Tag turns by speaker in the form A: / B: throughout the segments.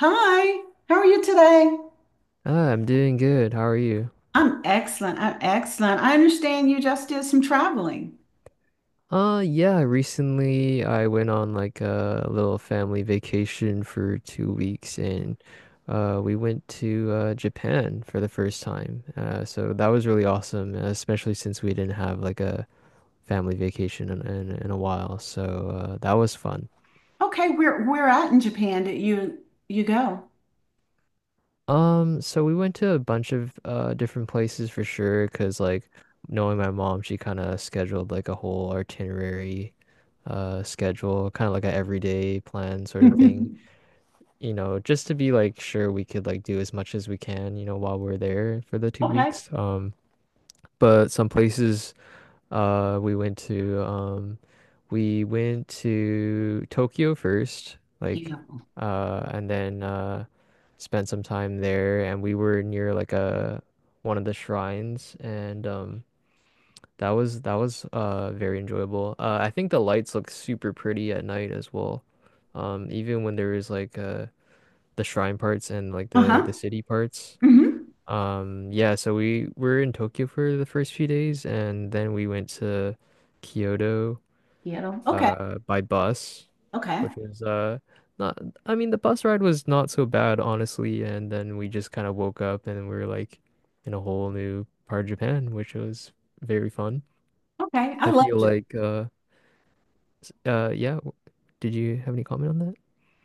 A: Hi, how are you today?
B: I'm doing good. How are you?
A: I'm excellent. I'm excellent. I understand you just did some traveling.
B: Yeah, recently I went on like a little family vacation for 2 weeks and we went to Japan for the first time. So that was really awesome, especially since we didn't have like a family vacation in a while. So that was fun.
A: Okay, where at in Japan did you go?
B: So we went to a bunch of different places for sure, 'cause like knowing my mom, she kind of scheduled like a whole itinerary schedule, kind of like a everyday plan sort of thing, you know, just to be like sure we could like do as much as we can, you know, while we're there for the two
A: Okay.
B: weeks. But some places uh, we went to um, we went to Tokyo first,
A: Yeah.
B: like, and then spent some time there, and we were near like a one of the shrines, and that was very enjoyable. I think the lights look super pretty at night as well, even when there is like the shrine parts and like the
A: Uh-huh.
B: the city parts.
A: Mm-hmm.
B: Yeah, so we were in Tokyo for the first few days, and then we went to Kyoto
A: Kyoto. Okay.
B: by bus,
A: Okay.
B: which was not I mean the bus ride was not so bad honestly, and then we just kind of woke up and we were like in a whole new part of Japan, which was very fun.
A: Okay. I
B: I
A: love
B: feel
A: Japan.
B: like yeah, did you have any comment on that?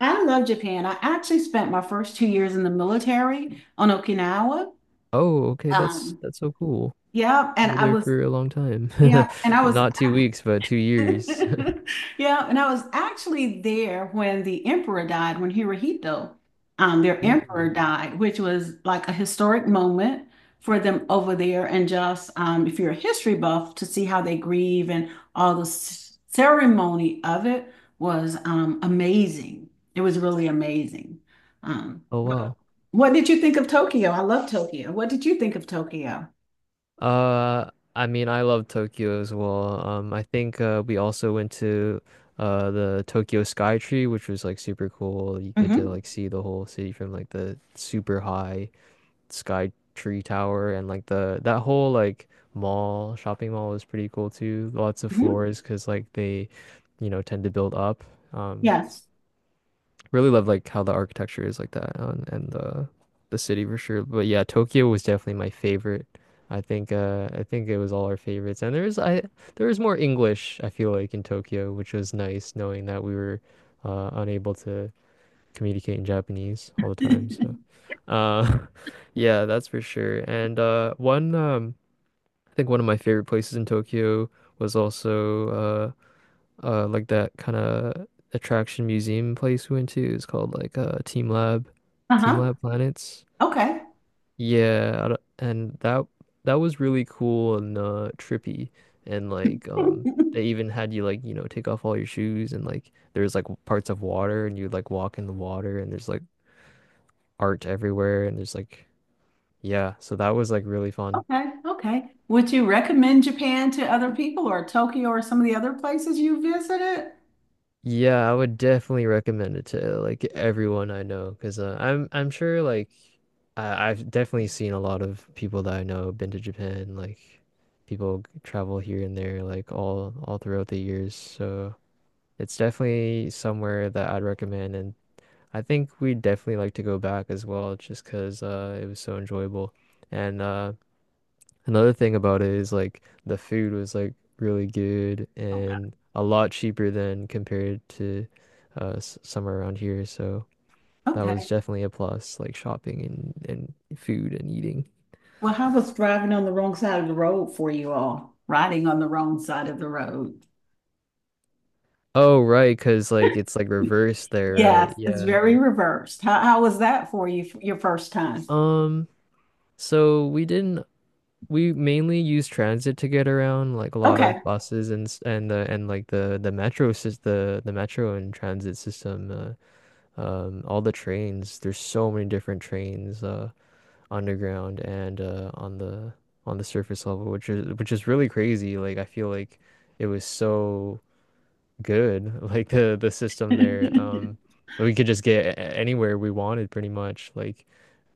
A: I love Japan. I actually spent my first 2 years in the military on Okinawa.
B: Oh, okay, that's
A: Um,
B: that's so cool.
A: yeah, and
B: You're
A: I
B: there
A: was
B: for a long time.
A: yeah, and I was
B: Not 2 weeks, but 2 years.
A: yeah, and I was actually there when the emperor died, when Hirohito, their emperor
B: Mm.
A: died, which was like a historic moment for them over there. And just if you're a history buff, to see how they grieve and all the ceremony of it was amazing. It was really amazing. Um,
B: Oh,
A: what,
B: wow.
A: what did you think of Tokyo? I love Tokyo. What did you think of Tokyo?
B: I mean, I love Tokyo as well. I think we also went to the Tokyo Sky Tree, which was like super cool. You get to
A: Hmm.
B: like see the whole city from like the super high Sky Tree Tower, and like the that whole like mall shopping mall was pretty cool too. Lots of
A: Hmm.
B: floors because like they, you know, tend to build up. Um,
A: Yes.
B: Really love like how the architecture is like that on and the city for sure. But yeah, Tokyo was definitely my favorite. I think it was all our favorites. And there was more English, I feel like, in Tokyo, which was nice knowing that we were unable to communicate in Japanese all the time. So uh yeah, that's for sure. And one I think one of my favorite places in Tokyo was also like that kind of attraction museum place we went to is called like Team Lab Team
A: Uh-huh.
B: Lab Planets
A: Okay.
B: yeah I don't- and that was really cool and trippy and like they even had you like you know take off all your shoes and like there's like parts of water and you like walk in the water and there's like art everywhere and there's like yeah so that was like really fun.
A: Okay, okay. Would you recommend Japan to other people or Tokyo or some of the other places you visited?
B: Yeah, I would definitely recommend it to like everyone I know because I'm sure like I've definitely seen a lot of people that I know have been to Japan. Like people travel here and there like all throughout the years. So it's definitely somewhere that I'd recommend, and I think we'd definitely like to go back as well, just because it was so enjoyable. And another thing about it is like the food was like really good
A: Oh,
B: and a lot cheaper than compared to somewhere around here. So that was
A: okay.
B: definitely a plus, like shopping and food and eating.
A: Well, how was driving on the wrong side of the road for you all? Riding on the wrong side of the road.
B: Oh, right, 'cause like it's like reversed there,
A: Yes,
B: right?
A: it's
B: Yeah.
A: very reversed. How was that for you, your first time?
B: Um, so we didn't we mainly use transit to get around, like a lot
A: Okay.
B: of buses and s- and the and like the metro sys the metro and transit system all the trains, there's so many different trains underground and on the surface level, which is really crazy. Like I feel like it was so good, like the system there. We could just get anywhere we wanted pretty much, like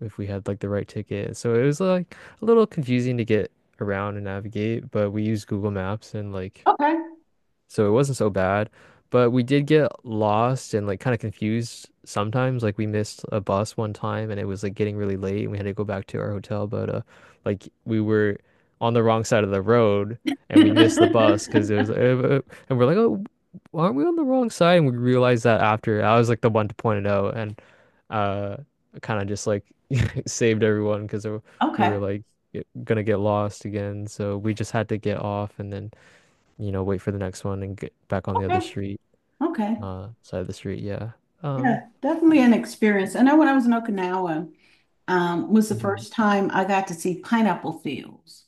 B: if we had like the right ticket. So it was like a little confusing to get around and navigate, but we used Google Maps and like
A: Okay.
B: so it wasn't so bad. But we did get lost and like kind of confused sometimes. Like we missed a bus one time and it was like getting really late and we had to go back to our hotel. But like we were on the wrong side of the road and we missed the bus because it was, and we're like, oh, aren't we on the wrong side? And we realized that after I was like the one to point it out and uh, kind of just like saved everyone because we
A: Okay.
B: were like gonna get lost again. So we just had to get off and then you know, wait for the next one and get back on the
A: Okay.
B: other street,
A: Okay.
B: side of the street. Yeah. Um,
A: Yeah, definitely an experience. I know when I was in Okinawa, was the
B: mhm.
A: first time I got to see pineapple fields.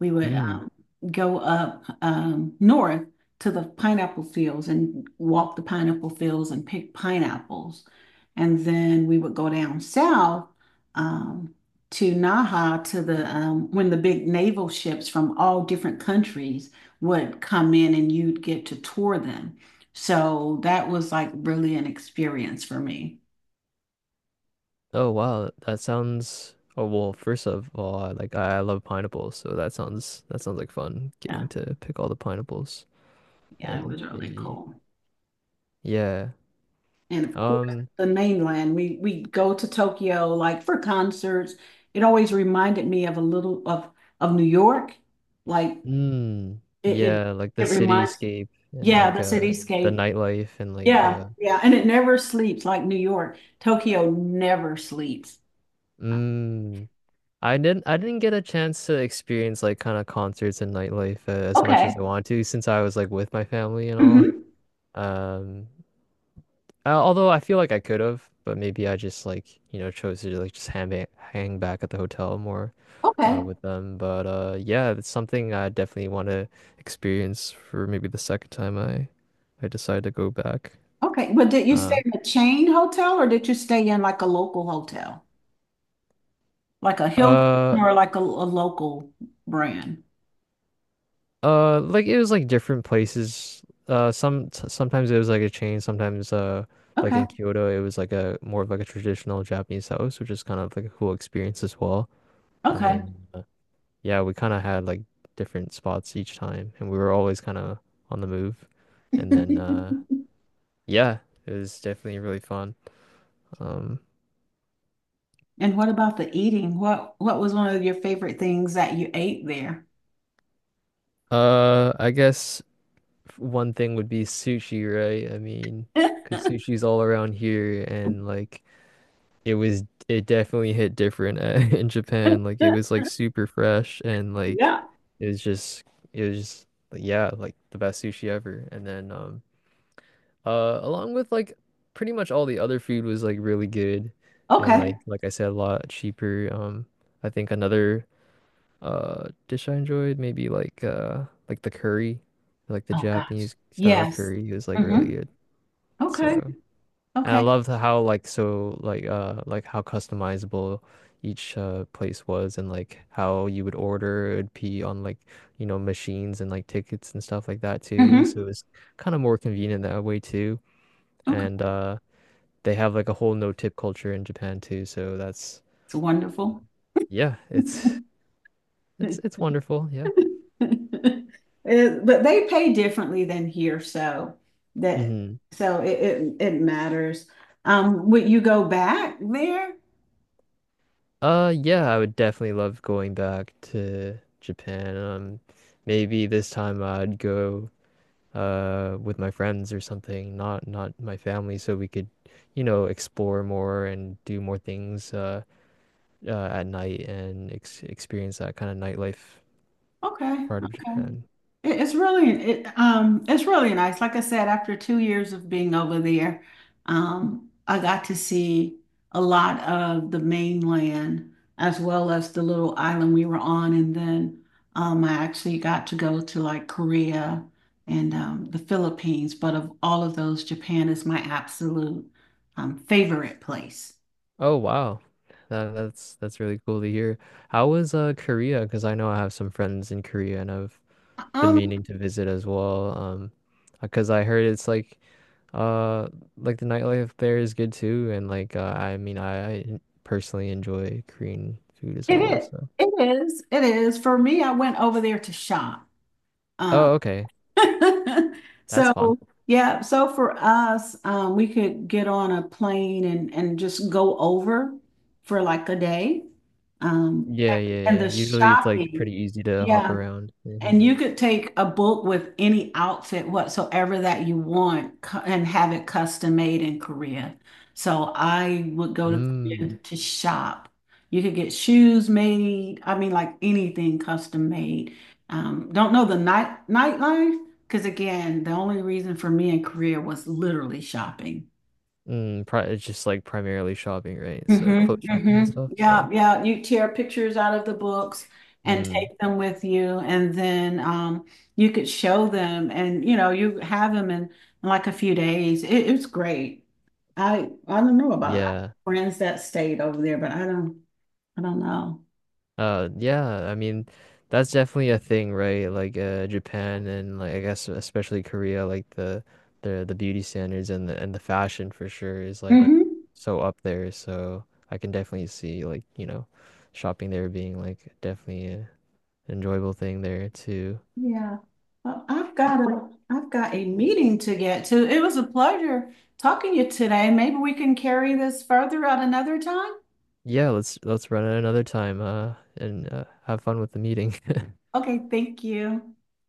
A: We would
B: Mm.
A: go up north to the pineapple fields and walk the pineapple fields and pick pineapples. And then we would go down south, um, to Naha to the when the big naval ships from all different countries would come in and you'd get to tour them. So that was like really an experience for me.
B: Oh, wow. That sounds, oh, well, first of all, I like, I love pineapples. So that sounds like fun
A: Yeah,
B: getting to pick all the pineapples
A: yeah, it
B: and
A: was really
B: maybe,
A: cool.
B: yeah.
A: And of course,
B: Um,
A: the mainland. We go to Tokyo like for concerts. It always reminded me of a little of New York. Like it it,
B: yeah, like the
A: it reminds,
B: cityscape and
A: yeah, the
B: like, the
A: cityscape.
B: nightlife and like,
A: Yeah, yeah, and it never sleeps like New York. Tokyo never sleeps.
B: mm, I didn't get a chance to experience like kind of concerts and nightlife as much
A: Okay.
B: as I wanted to since I was like with my family and all.
A: Mhm.
B: Um, although I feel like I could have, but maybe I just like you know chose to like just hang back at the hotel more
A: Okay.
B: with them. But yeah, it's something I definitely want to experience for maybe the second time I decide to go back.
A: Okay. But did you stay
B: Uh,
A: in a chain hotel or did you stay in like a local hotel? Like a Hilton
B: uh,
A: or like a local brand?
B: Like it was like different places. Sometimes it was like a chain. Sometimes like
A: Okay.
B: in Kyoto, it was like a more of like a traditional Japanese house, which is kind of like a cool experience as well. And
A: Okay.
B: then yeah, we kind of had like different spots each time, and we were always kind of on the move. And then yeah, it was definitely really fun. Um,
A: And what about the eating? What was one of your favorite things that you ate there?
B: I guess one thing would be sushi, right? I mean, because sushi's all around here, and like it was it definitely hit different in Japan. Like it was like super fresh and like
A: Yeah.
B: it was just it was just like, yeah, like the best sushi ever. And then along with like pretty much all the other food was like really good and
A: Okay.
B: like I said a lot cheaper. I think another dish I enjoyed maybe like the curry, like the
A: Oh gosh.
B: Japanese style
A: Yes.
B: curry was like really
A: Mm-hmm.
B: good.
A: Okay.
B: So and I
A: Okay.
B: love how like so like how customizable each place was and like how you would order it'd be on like you know machines and like tickets and stuff like that too.
A: Mm-hmm.
B: So it's kind of more convenient that way too.
A: Okay.
B: And they have like a whole no-tip culture in Japan too. So that's
A: It's wonderful.
B: yeah, it's wonderful, yeah.
A: But they pay differently than here, so that,
B: Hmm.
A: so it matters. Would you go back there?
B: Yeah, I would definitely love going back to Japan. Maybe this time I'd go with my friends or something, not not my family, so we could, you know, explore more and do more things at night and ex experience that kind of nightlife
A: Okay.
B: part of
A: Okay.
B: Japan.
A: It's really it's really nice. Like I said, after 2 years of being over there, I got to see a lot of the mainland as well as the little island we were on, and then I actually got to go to like Korea and the Philippines. But of all of those, Japan is my absolute favorite place.
B: Oh wow. That's really cool to hear. How was Korea? Because I know I have some friends in Korea and I've been
A: Um,
B: meaning to visit as well. Because I heard it's uh like the nightlife there is good too, and like I mean I personally enjoy Korean food as
A: It
B: well.
A: is.
B: So.
A: It is. It is. For me, I went over there to shop. Um,
B: Oh, okay. That's
A: so
B: fun.
A: yeah, so for us, we could get on a plane and just go over for like a day. Um,
B: Yeah,
A: and
B: yeah, yeah.
A: the
B: Usually it's like
A: shopping,
B: pretty easy to hop
A: yeah.
B: around. Hmm.
A: And you could take a book with any outfit whatsoever that you want and have it custom made in Korea. So I would go to Korea
B: Mm.
A: to shop. You could get shoes made. I mean, like anything custom made. Don't know the nightlife because again, the only reason for me in Korea was literally shopping.
B: Mm. Pri It's just like primarily shopping, right? So clothes
A: Mm-hmm,
B: shopping and
A: mm-hmm.
B: stuff.
A: Yeah,
B: So,
A: yeah. You tear pictures out of the books and
B: mm.
A: take them with you, and then, you could show them, and you know, you have them in like a few days. It's great. I don't know about, I have
B: Yeah.
A: friends that stayed over there, but I don't know.
B: Yeah. I mean, that's definitely a thing, right? Like, Japan and like I guess especially Korea, like the beauty standards and the fashion for sure is like
A: Hmm.
B: so up there. So I can definitely see like, you know, shopping there being like definitely enjoyable thing there too.
A: Yeah. Well, I've got a meeting to get to. It was a pleasure talking to you today. Maybe we can carry this further at another time.
B: Yeah, let's run it another time and have fun with the meeting.
A: Okay, thank you.